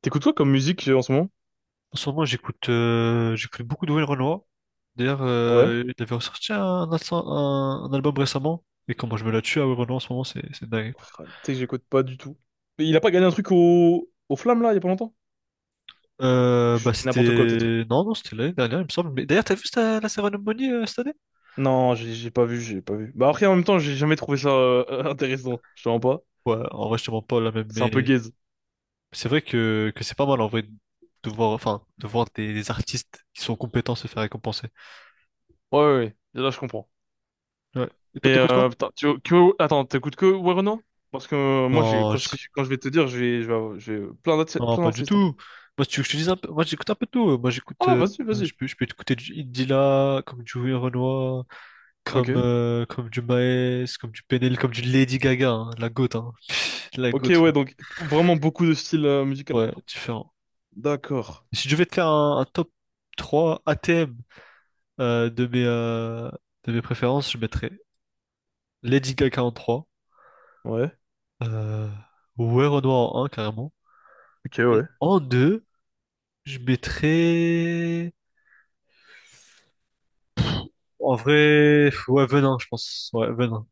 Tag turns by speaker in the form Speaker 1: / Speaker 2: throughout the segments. Speaker 1: T'écoutes quoi comme musique en ce moment?
Speaker 2: En ce moment, j'écoute j'écoute beaucoup de Will Renoir. D'ailleurs,
Speaker 1: Ouais.
Speaker 2: il avait ressorti un album récemment. Et comment je me la tue à Will Renoir en ce moment, c'est dingue.
Speaker 1: Oh, tu sais que j'écoute pas du tout. Mais il a pas gagné un truc au Flamme là, il y a pas longtemps? Je
Speaker 2: Bah
Speaker 1: dis n'importe quoi peut-être.
Speaker 2: c'était... Non, non, c'était l'année dernière, il me semble. Mais d'ailleurs, la cérémonie cette année?
Speaker 1: Non, j'ai pas vu, j'ai pas vu. Bah après en même temps, j'ai jamais trouvé ça intéressant. Je te mens pas.
Speaker 2: Ouais, en vrai, je te mens pas là même,
Speaker 1: C'est un peu
Speaker 2: mais
Speaker 1: gaze.
Speaker 2: c'est vrai que c'est pas mal en vrai de voir, enfin, de voir des artistes qui sont compétents se faire récompenser.
Speaker 1: Ouais, ouais, ouais. Là, je comprends.
Speaker 2: Ouais. Et toi,
Speaker 1: Mais
Speaker 2: t'écoutes quoi?
Speaker 1: putain, attends, t'écoutes que Werenoi? Parce que moi, j'ai
Speaker 2: Non,
Speaker 1: quand, si- quand je vais te dire, je vais, avoir- je vais- plein d'artistes,
Speaker 2: non,
Speaker 1: plein
Speaker 2: pas du
Speaker 1: d'artistes, hein.
Speaker 2: tout. Moi, si tu veux que je te dise un peu, moi j'écoute un peu de tout. Moi, j'écoute,
Speaker 1: Ah, vas-y, vas-y.
Speaker 2: je peux écouter du Indila, comme du Louis Renoir,
Speaker 1: Ok.
Speaker 2: comme, comme du Maes, comme du Penel, comme du Lady Gaga, hein, la goat, hein. La
Speaker 1: Ok,
Speaker 2: goat,
Speaker 1: ouais, donc vraiment beaucoup de styles musicaux
Speaker 2: ouais, ouais,
Speaker 1: quoi.
Speaker 2: différent.
Speaker 1: D'accord.
Speaker 2: Si je devais te faire un top 3 ATM euh, de mes, euh, de mes préférences, je mettrais Lady Gaga en trois,
Speaker 1: Ouais.
Speaker 2: euh, Louis Renoir en un carrément.
Speaker 1: Ok,
Speaker 2: Et
Speaker 1: ouais.
Speaker 2: en 2 je mettrais. En vrai, ouais, Venin, je pense. Ouais, Venin.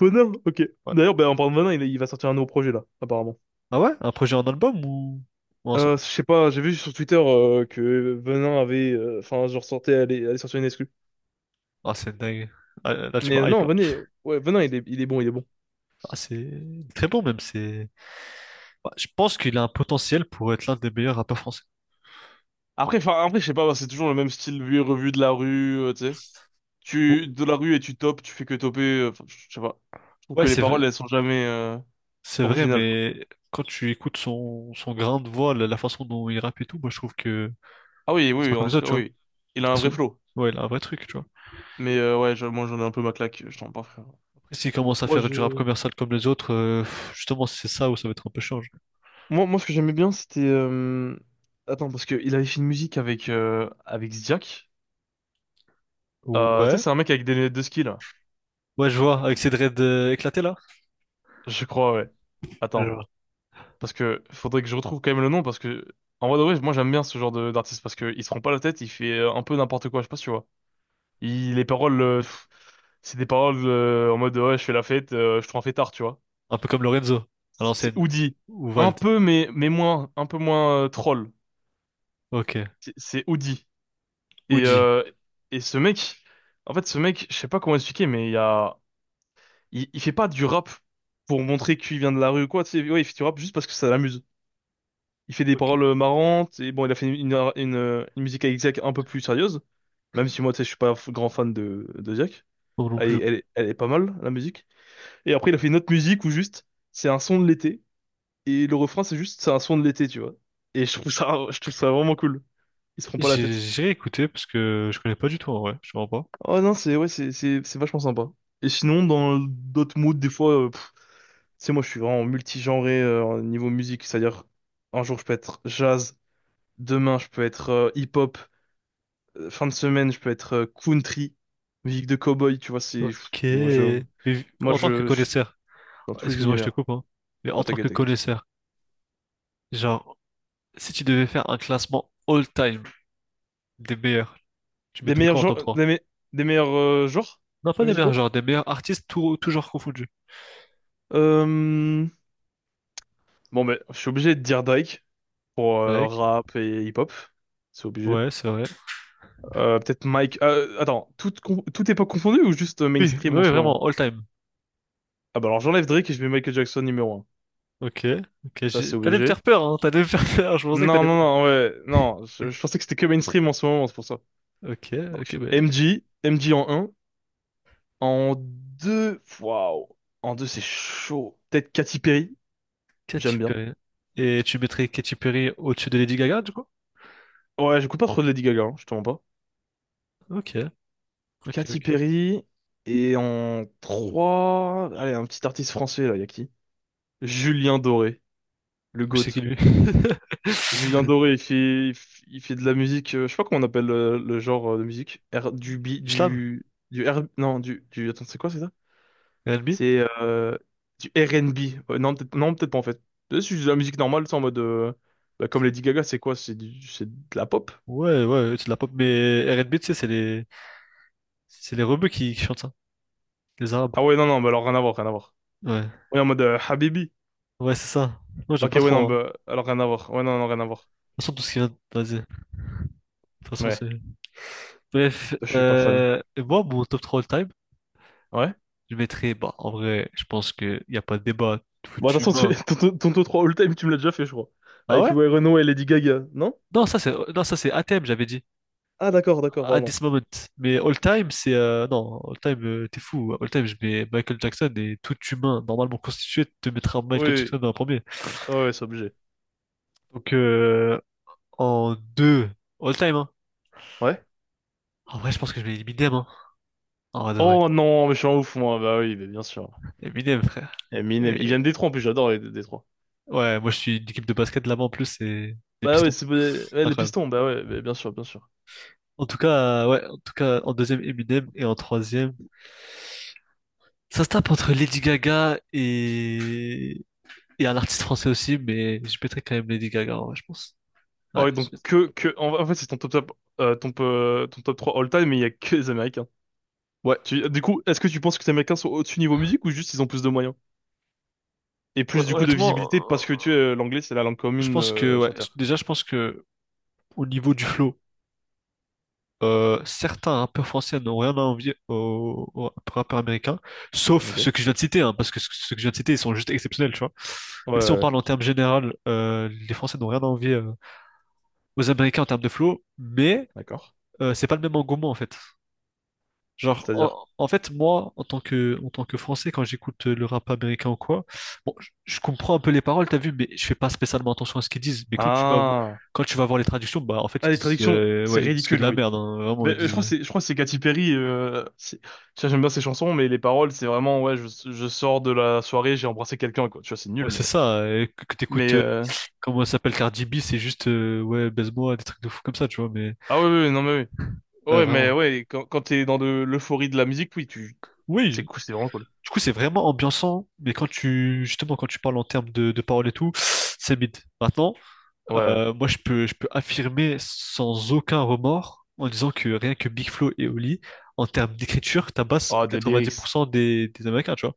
Speaker 1: Venin, ok.
Speaker 2: Ouais.
Speaker 1: D'ailleurs, ben, en parlant de Venin, il va sortir un nouveau projet là, apparemment.
Speaker 2: Ah ouais? Un projet en album ou un son?
Speaker 1: Je sais pas, j'ai vu sur Twitter que Venin avait, enfin, genre sortait, allait sortir une exclu.
Speaker 2: Ah, c'est dingue. Ah, là, tu
Speaker 1: Mais
Speaker 2: m'as hype,
Speaker 1: non,
Speaker 2: là.
Speaker 1: Venin, ouais, Venin, il est bon, il est bon.
Speaker 2: Ah, c'est très bon, même. C'est... Ouais, je pense qu'il a un potentiel pour être l'un des meilleurs rappeurs français.
Speaker 1: Après, enfin, après, je sais pas, c'est toujours le même style vu et revu de la rue, tu sais.
Speaker 2: Ou-
Speaker 1: De la rue et tu topes, tu fais que toper, enfin, je sais pas. Je trouve
Speaker 2: Ouais,
Speaker 1: que les
Speaker 2: c'est vrai.
Speaker 1: paroles, elles sont jamais,
Speaker 2: C'est vrai,
Speaker 1: originales, quoi.
Speaker 2: mais quand tu écoutes son, son grain de voix, la façon dont il rappe et tout, moi, je trouve que
Speaker 1: Ah oui, oui,
Speaker 2: c'est
Speaker 1: oui,
Speaker 2: pas comme
Speaker 1: en
Speaker 2: les
Speaker 1: tout cas,
Speaker 2: autres, tu vois.
Speaker 1: oui. Il a un vrai
Speaker 2: Son-
Speaker 1: flow.
Speaker 2: Ouais, il a un vrai truc, tu vois.
Speaker 1: Mais, ouais, moi, j'en ai un peu ma claque, je t'en parle, frère.
Speaker 2: Après, s'il commence à
Speaker 1: Moi,
Speaker 2: faire
Speaker 1: je,
Speaker 2: du rap commercial comme les autres, justement, c'est ça où ça va être un peu change.
Speaker 1: moi, ce que j'aimais bien, c'était. Attends, parce qu'il avait fait une musique avec Ziak. Tu sais,
Speaker 2: Ouais.
Speaker 1: c'est un mec avec des lunettes de ski, là.
Speaker 2: Ouais, je vois, avec ses dreads éclatés, là.
Speaker 1: Je crois, ouais.
Speaker 2: Je
Speaker 1: Attends,
Speaker 2: vois.
Speaker 1: parce que faudrait que je retrouve quand même le nom, parce que. En vrai, de vrai, moi, j'aime bien ce genre de d'artiste, parce qu'il se prend pas la tête, il fait un peu n'importe quoi, je sais pas si tu vois. Les paroles, c'est des paroles en mode, ouais, je fais la fête, je te rends fêtard, tu vois.
Speaker 2: Un peu comme Lorenzo, à
Speaker 1: C'est
Speaker 2: l'ancienne.
Speaker 1: Oudi.
Speaker 2: Ou
Speaker 1: Un
Speaker 2: Vald.
Speaker 1: peu, mais moins, un peu moins troll.
Speaker 2: Ok.
Speaker 1: C'est Oudi.
Speaker 2: Ou
Speaker 1: Et,
Speaker 2: G.
Speaker 1: euh, et ce mec, en fait, ce mec, je sais pas comment expliquer, mais il y a, il fait pas du rap pour montrer qu'il vient de la rue ou quoi, tu sais. Ouais, il fait du rap juste parce que ça l'amuse. Il fait des
Speaker 2: Ok.
Speaker 1: paroles marrantes, et bon, il a fait une musique avec Ziak un peu plus sérieuse, même si moi, tu sais, je suis pas grand fan de Ziak.
Speaker 2: Non, non
Speaker 1: Elle,
Speaker 2: plus.
Speaker 1: est- elle, est- elle est pas mal, la musique. Et après, il a fait une autre musique où juste, c'est un son de l'été, et le refrain, c'est juste, c'est un son de l'été, tu vois. Et je trouve ça vraiment cool. Il se prend pas la
Speaker 2: J'ai
Speaker 1: tête.
Speaker 2: j'ai écouté parce que je connais pas du tout en vrai. Je comprends pas.
Speaker 1: Oh non, c'est ouais, c'est vachement sympa. Et sinon, dans d'autres moods, des fois, tu sais, moi, je suis vraiment multigenré au niveau musique. C'est-à-dire, un jour, je peux être jazz, demain, je peux être hip-hop, fin de semaine, je peux être country, musique de cowboy. Tu vois, c'est pff,
Speaker 2: Ok. Mais
Speaker 1: moi,
Speaker 2: en tant que
Speaker 1: je suis
Speaker 2: connaisseur,
Speaker 1: dans tous les
Speaker 2: excuse-moi, je te
Speaker 1: univers.
Speaker 2: coupe, hein. Mais en
Speaker 1: Ah,
Speaker 2: tant que
Speaker 1: t'inquiète, t'inquiète.
Speaker 2: connaisseur, genre, si tu devais faire un classement all-time des meilleurs, tu
Speaker 1: Des
Speaker 2: mettrais
Speaker 1: meilleurs
Speaker 2: quoi en top
Speaker 1: genres,
Speaker 2: trois?
Speaker 1: des meilleurs genres
Speaker 2: Non, pas des meilleurs,
Speaker 1: musicaux?
Speaker 2: genre des meilleurs artistes tout, toujours confondus.
Speaker 1: Euh, Bon, ben, je suis obligé de dire Drake pour rap et hip-hop. C'est obligé.
Speaker 2: Ouais, c'est vrai.
Speaker 1: Peut-être Mike, attends, toute époque confondue ou juste
Speaker 2: Oui, oui,
Speaker 1: mainstream en ce moment?
Speaker 2: vraiment, all time.
Speaker 1: Ah bah alors j'enlève Drake et je mets Michael Jackson numéro un.
Speaker 2: Ok, ok,
Speaker 1: Ça c'est
Speaker 2: t'allais me faire
Speaker 1: obligé.
Speaker 2: peur, hein, t'allais me faire peur, je pensais que
Speaker 1: Non,
Speaker 2: t'allais...
Speaker 1: non, non, ouais, non, je pensais que c'était que mainstream en ce moment, c'est pour ça.
Speaker 2: Ok, ok,
Speaker 1: Donc,
Speaker 2: ben,
Speaker 1: MJ, MJ en un. En deux, waouh. En 2 c'est chaud. Peut-être Katy Perry, j'aime
Speaker 2: Katy
Speaker 1: bien.
Speaker 2: Perry. Et tu mettrais Katy Perry au-dessus de Lady Gaga, du coup?
Speaker 1: Ouais, j'écoute pas trop de Lady Gaga, hein, je te mens pas.
Speaker 2: Ok, ok,
Speaker 1: Katy
Speaker 2: ok.
Speaker 1: Perry. Et en trois, allez, un petit artiste français là, y a qui? Julien Doré, le
Speaker 2: Je sais qui
Speaker 1: GOAT.
Speaker 2: lui.
Speaker 1: Julien Doré, il fait de la musique, je sais pas comment on appelle genre de musique. Du B,
Speaker 2: Du slam?
Speaker 1: du R, non, attends, c'est quoi, c'est ça?
Speaker 2: R&B?
Speaker 1: C'est du R&B. Non, peut-être, non, peut-être pas en fait. C'est juste de la musique normale, c'est en mode, bah, comme Lady Gaga, c'est quoi? C'est de la pop?
Speaker 2: Ouais, ouais, c'est de la pop, mais R&B, tu sais, c'est les... C'est les rebeux qui chantent ça, les Arabes.
Speaker 1: Ah ouais, non, non, bah alors rien à voir, rien à voir.
Speaker 2: Ouais,
Speaker 1: Ouais, en mode Habibi.
Speaker 2: ouais, c'est ça. Moi, j'aime
Speaker 1: Ok,
Speaker 2: pas
Speaker 1: ouais, non,
Speaker 2: trop, hein.
Speaker 1: bah alors rien à voir. Ouais, non, non, rien à voir.
Speaker 2: De toute façon, tout ce qui vient... de Vas-y, de toute façon,
Speaker 1: Ouais,
Speaker 2: c'est... Bref,
Speaker 1: je suis pas fan.
Speaker 2: et moi, mon top 3 all-time,
Speaker 1: Ouais.
Speaker 2: je mettrais, bah, en vrai, je pense qu'il n'y a pas de débat, tout
Speaker 1: Bon, attention,
Speaker 2: humain.
Speaker 1: ton top 3 all-time, tu me l'as déjà fait, je crois.
Speaker 2: Ah
Speaker 1: Avec
Speaker 2: ouais?
Speaker 1: ouais, Renaud et Lady Gaga, non?
Speaker 2: Non, ça c'est non, ça c'est à thème j'avais dit.
Speaker 1: Ah d'accord, d'accord,
Speaker 2: At
Speaker 1: pardon.
Speaker 2: this moment. Mais all time, c'est non, all time, t'es fou. All time, je mets Michael Jackson et tout humain normalement constitué te mettra Michael
Speaker 1: Oui,
Speaker 2: Jackson en premier.
Speaker 1: oui, ouais, c'est obligé.
Speaker 2: Donc en deux, all time, hein.
Speaker 1: Ouais.
Speaker 2: En vrai, je pense que je mets Eminem, hein. En vrai de vrai.
Speaker 1: Oh non, mais je suis un ouf, moi. Bah oui, mais bien sûr.
Speaker 2: Eminem, frère.
Speaker 1: Eminem, il vient
Speaker 2: Et
Speaker 1: de Détroit en plus, j'adore les Détroit.
Speaker 2: ouais, moi je suis une équipe de basket là-bas en plus, c'est des
Speaker 1: Bah ouais,
Speaker 2: pistons.
Speaker 1: c'est ouais, les
Speaker 2: Incroyable.
Speaker 1: Pistons, bah ouais, bah bien sûr, bien sûr.
Speaker 2: En tout cas, ouais, en tout cas, en deuxième Eminem et en troisième. Ça se tape entre Lady Gaga et un artiste français aussi, mais je mettrais quand même Lady Gaga, en vrai, je pense. Ouais,
Speaker 1: Oh, et donc
Speaker 2: je-
Speaker 1: que en fait, c'est ton top ton top 3 all time, mais il y a que les Américains.
Speaker 2: ouais.
Speaker 1: Du coup, est-ce que tu penses que les Américains sont au-dessus niveau musique ou juste ils ont plus de moyens? Et plus du coup de
Speaker 2: Honnêtement,
Speaker 1: visibilité
Speaker 2: euh,
Speaker 1: parce que tu sais, l'anglais, c'est la langue
Speaker 2: je
Speaker 1: commune
Speaker 2: pense que, ouais,
Speaker 1: sur Terre.
Speaker 2: déjà, je pense que au niveau du flow, certains rappeurs français n'ont rien à envier aux, aux rappeurs américains, sauf
Speaker 1: Ok. Ouais,
Speaker 2: ceux que je viens de citer, hein, parce que ceux que je viens de citer, ils sont juste exceptionnels, tu vois.
Speaker 1: ouais,
Speaker 2: Mais si on
Speaker 1: ouais,
Speaker 2: parle en termes général, les Français n'ont rien à envier aux Américains en termes de flow, mais
Speaker 1: d'accord.
Speaker 2: c'est pas le même engouement, en fait. Genre,
Speaker 1: C'est-à-dire.
Speaker 2: en fait, moi, en tant que Français, quand j'écoute le rap américain ou quoi, bon, je comprends un peu les paroles, t'as vu, mais je fais pas spécialement attention à ce qu'ils disent. Mais
Speaker 1: Ah.
Speaker 2: quand tu vas voir les traductions, bah, en fait, ils
Speaker 1: Ah, les
Speaker 2: disent,
Speaker 1: traductions, c'est
Speaker 2: ouais, ils disent que de
Speaker 1: ridicule,
Speaker 2: la
Speaker 1: oui.
Speaker 2: merde, hein, vraiment,
Speaker 1: Mais,
Speaker 2: ils
Speaker 1: euh, je crois que
Speaker 2: disent,
Speaker 1: c'est, je crois que c'est Katy Perry. Tu vois, j'aime bien ses chansons, mais les paroles, c'est vraiment, ouais, je sors de la soirée, j'ai embrassé quelqu'un, quoi. Tu vois, c'est
Speaker 2: ouais, c'est
Speaker 1: nul.
Speaker 2: ça, que t'écoutes,
Speaker 1: Mais
Speaker 2: comment ça s'appelle, Cardi B, c'est juste, ouais, baise-moi, des trucs de fou comme ça, tu vois, mais,
Speaker 1: ah ouais, ouais, ouais, non mais ouais, ouais, mais
Speaker 2: vraiment.
Speaker 1: ouais, quand t'es dans de l'euphorie de la musique, oui, c'est
Speaker 2: Oui,
Speaker 1: cool, c'est vraiment cool.
Speaker 2: du coup, c'est vraiment ambiançant, mais quand tu, justement, quand tu parles en termes de paroles et tout, c'est mid. Maintenant,
Speaker 1: Ouais, ouais.
Speaker 2: Moi, je peux affirmer sans aucun remords en disant que rien que Big Flo et Oli, en termes d'écriture, tabassent
Speaker 1: Ah, de lyrics.
Speaker 2: 90% des Américains, tu vois.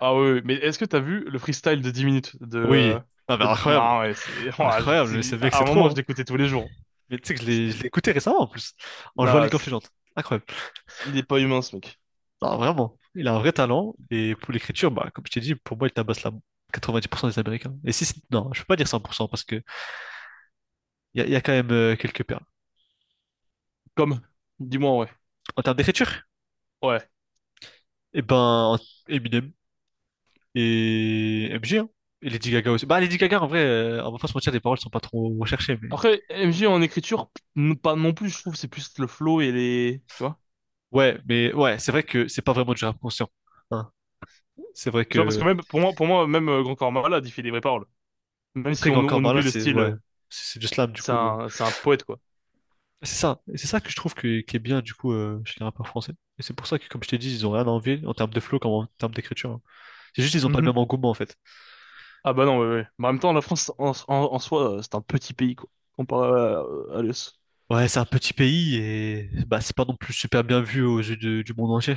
Speaker 1: Ah ouais, ouais. Mais est-ce que t'as vu le freestyle de 10 minutes de,
Speaker 2: Oui.
Speaker 1: euh,
Speaker 2: Ah, mais
Speaker 1: de...
Speaker 2: incroyable.
Speaker 1: Ah ouais,
Speaker 2: Incroyable. C'est vrai que
Speaker 1: à
Speaker 2: c'est
Speaker 1: un moment,
Speaker 2: trop,
Speaker 1: je
Speaker 2: hein.
Speaker 1: l'écoutais tous les jours.
Speaker 2: Mais tu sais que je
Speaker 1: C'était-
Speaker 2: l'ai écouté récemment en plus, en jouant à
Speaker 1: Non.
Speaker 2: League of Legends. Incroyable.
Speaker 1: Il est pas humain, ce mec.
Speaker 2: Non, vraiment. Il a un vrai talent. Et pour l'écriture, bah, comme je t'ai dit, pour moi, il tabasse la 90% des Américains. Et si, non, je peux pas dire 100% parce que il y a quand même quelques perles.
Speaker 1: Comme, dis-moi, ouais,
Speaker 2: En termes d'écriture,
Speaker 1: ouais.
Speaker 2: eh ben, Eminem. Et MG, hein. Et Lady Gaga aussi. Bah, Lady Gaga, en vrai, on va pas se mentir, les paroles sont pas trop recherchées, mais.
Speaker 1: Après, MJ en écriture, pas non plus, je trouve, c'est plus le flow et les, tu vois?
Speaker 2: Ouais, mais ouais, c'est vrai que c'est pas vraiment du rap conscient, hein. C'est vrai
Speaker 1: Tu vois, parce que
Speaker 2: que.
Speaker 1: même, pour moi, même Grand Corps Malade, il fait des vraies paroles. Même si
Speaker 2: Après,
Speaker 1: on,
Speaker 2: encore
Speaker 1: on
Speaker 2: par là,
Speaker 1: oublie le
Speaker 2: c'est.
Speaker 1: style,
Speaker 2: Ouais. C'est du slam, du
Speaker 1: c'est
Speaker 2: coup.
Speaker 1: un, c'est un poète, quoi.
Speaker 2: C'est ça. Et c'est ça que je trouve que, qui est bien, du coup, chez les rappeurs français. Et c'est pour ça que, comme je t'ai dit, ils ont rien à envier en termes de flow comme en termes d'écriture, hein. C'est juste, ils ont pas le
Speaker 1: Mhm.
Speaker 2: même engouement, en fait.
Speaker 1: Ah bah non, ouais, ouais. Mais en même temps, la France, en soi, c'est un petit pays, quoi. Comparé à l'US.
Speaker 2: Ouais, c'est un petit pays et. Bah, c'est pas non plus super bien vu aux yeux du monde entier.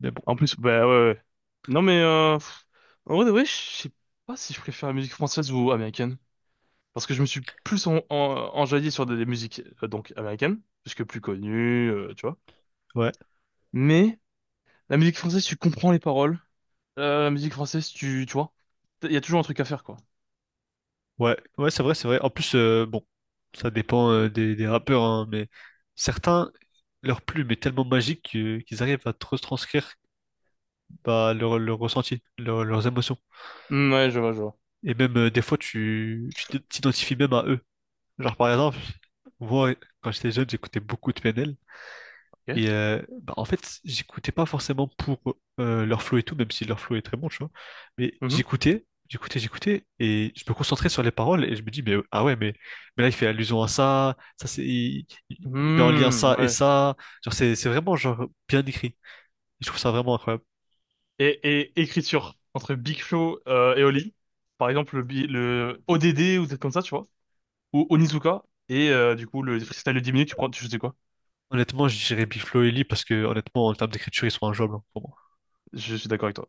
Speaker 2: Mais bon.
Speaker 1: En plus, bah ouais, ouais. Non mais, en vrai, de vrai, je sais pas si je préfère la musique française ou américaine. Parce que je me suis plus enjaillé sur des musiques, donc, américaines. Puisque plus connues, tu vois.
Speaker 2: Ouais,
Speaker 1: Mais, la musique française, tu comprends les paroles. La musique française, tu vois, il y a toujours un truc à faire, quoi.
Speaker 2: ouais, ouais, c'est vrai, c'est vrai. En plus, bon, ça dépend des rappeurs, hein, mais certains, leur plume est tellement magique qu'ils arrivent à te retranscrire bah, leur ressenti, leurs émotions.
Speaker 1: Hmm, ouais, je vois, je vois.
Speaker 2: Et même des fois, tu t'identifies même à eux. Genre, par exemple, moi, quand j'étais jeune, j'écoutais beaucoup de PNL.
Speaker 1: Ok.
Speaker 2: Et bah, en fait, j'écoutais pas forcément pour leur flow et tout, même si leur flow est très bon, tu vois. Mais
Speaker 1: Mhm.
Speaker 2: j'écoutais, j'écoutais, j'écoutais, et je me concentrais sur les paroles et je me dis, mais ah ouais, mais là il fait allusion à ça, ça c'est, il met en lien
Speaker 1: Hmm,
Speaker 2: ça et
Speaker 1: ouais.
Speaker 2: ça. Genre c'est vraiment genre bien écrit. Je trouve ça vraiment incroyable.
Speaker 1: Et, et écriture entre Big Flo et Oli, par exemple le ODD ou des trucs comme ça, tu vois, ou Onizuka et du coup le freestyle de 10 minutes, tu prends, tu sais quoi?
Speaker 2: Honnêtement, je dirais Big Flo et Lee parce que honnêtement, en termes d'écriture, ils sont injouables hein, pour moi.
Speaker 1: Je suis d'accord avec toi.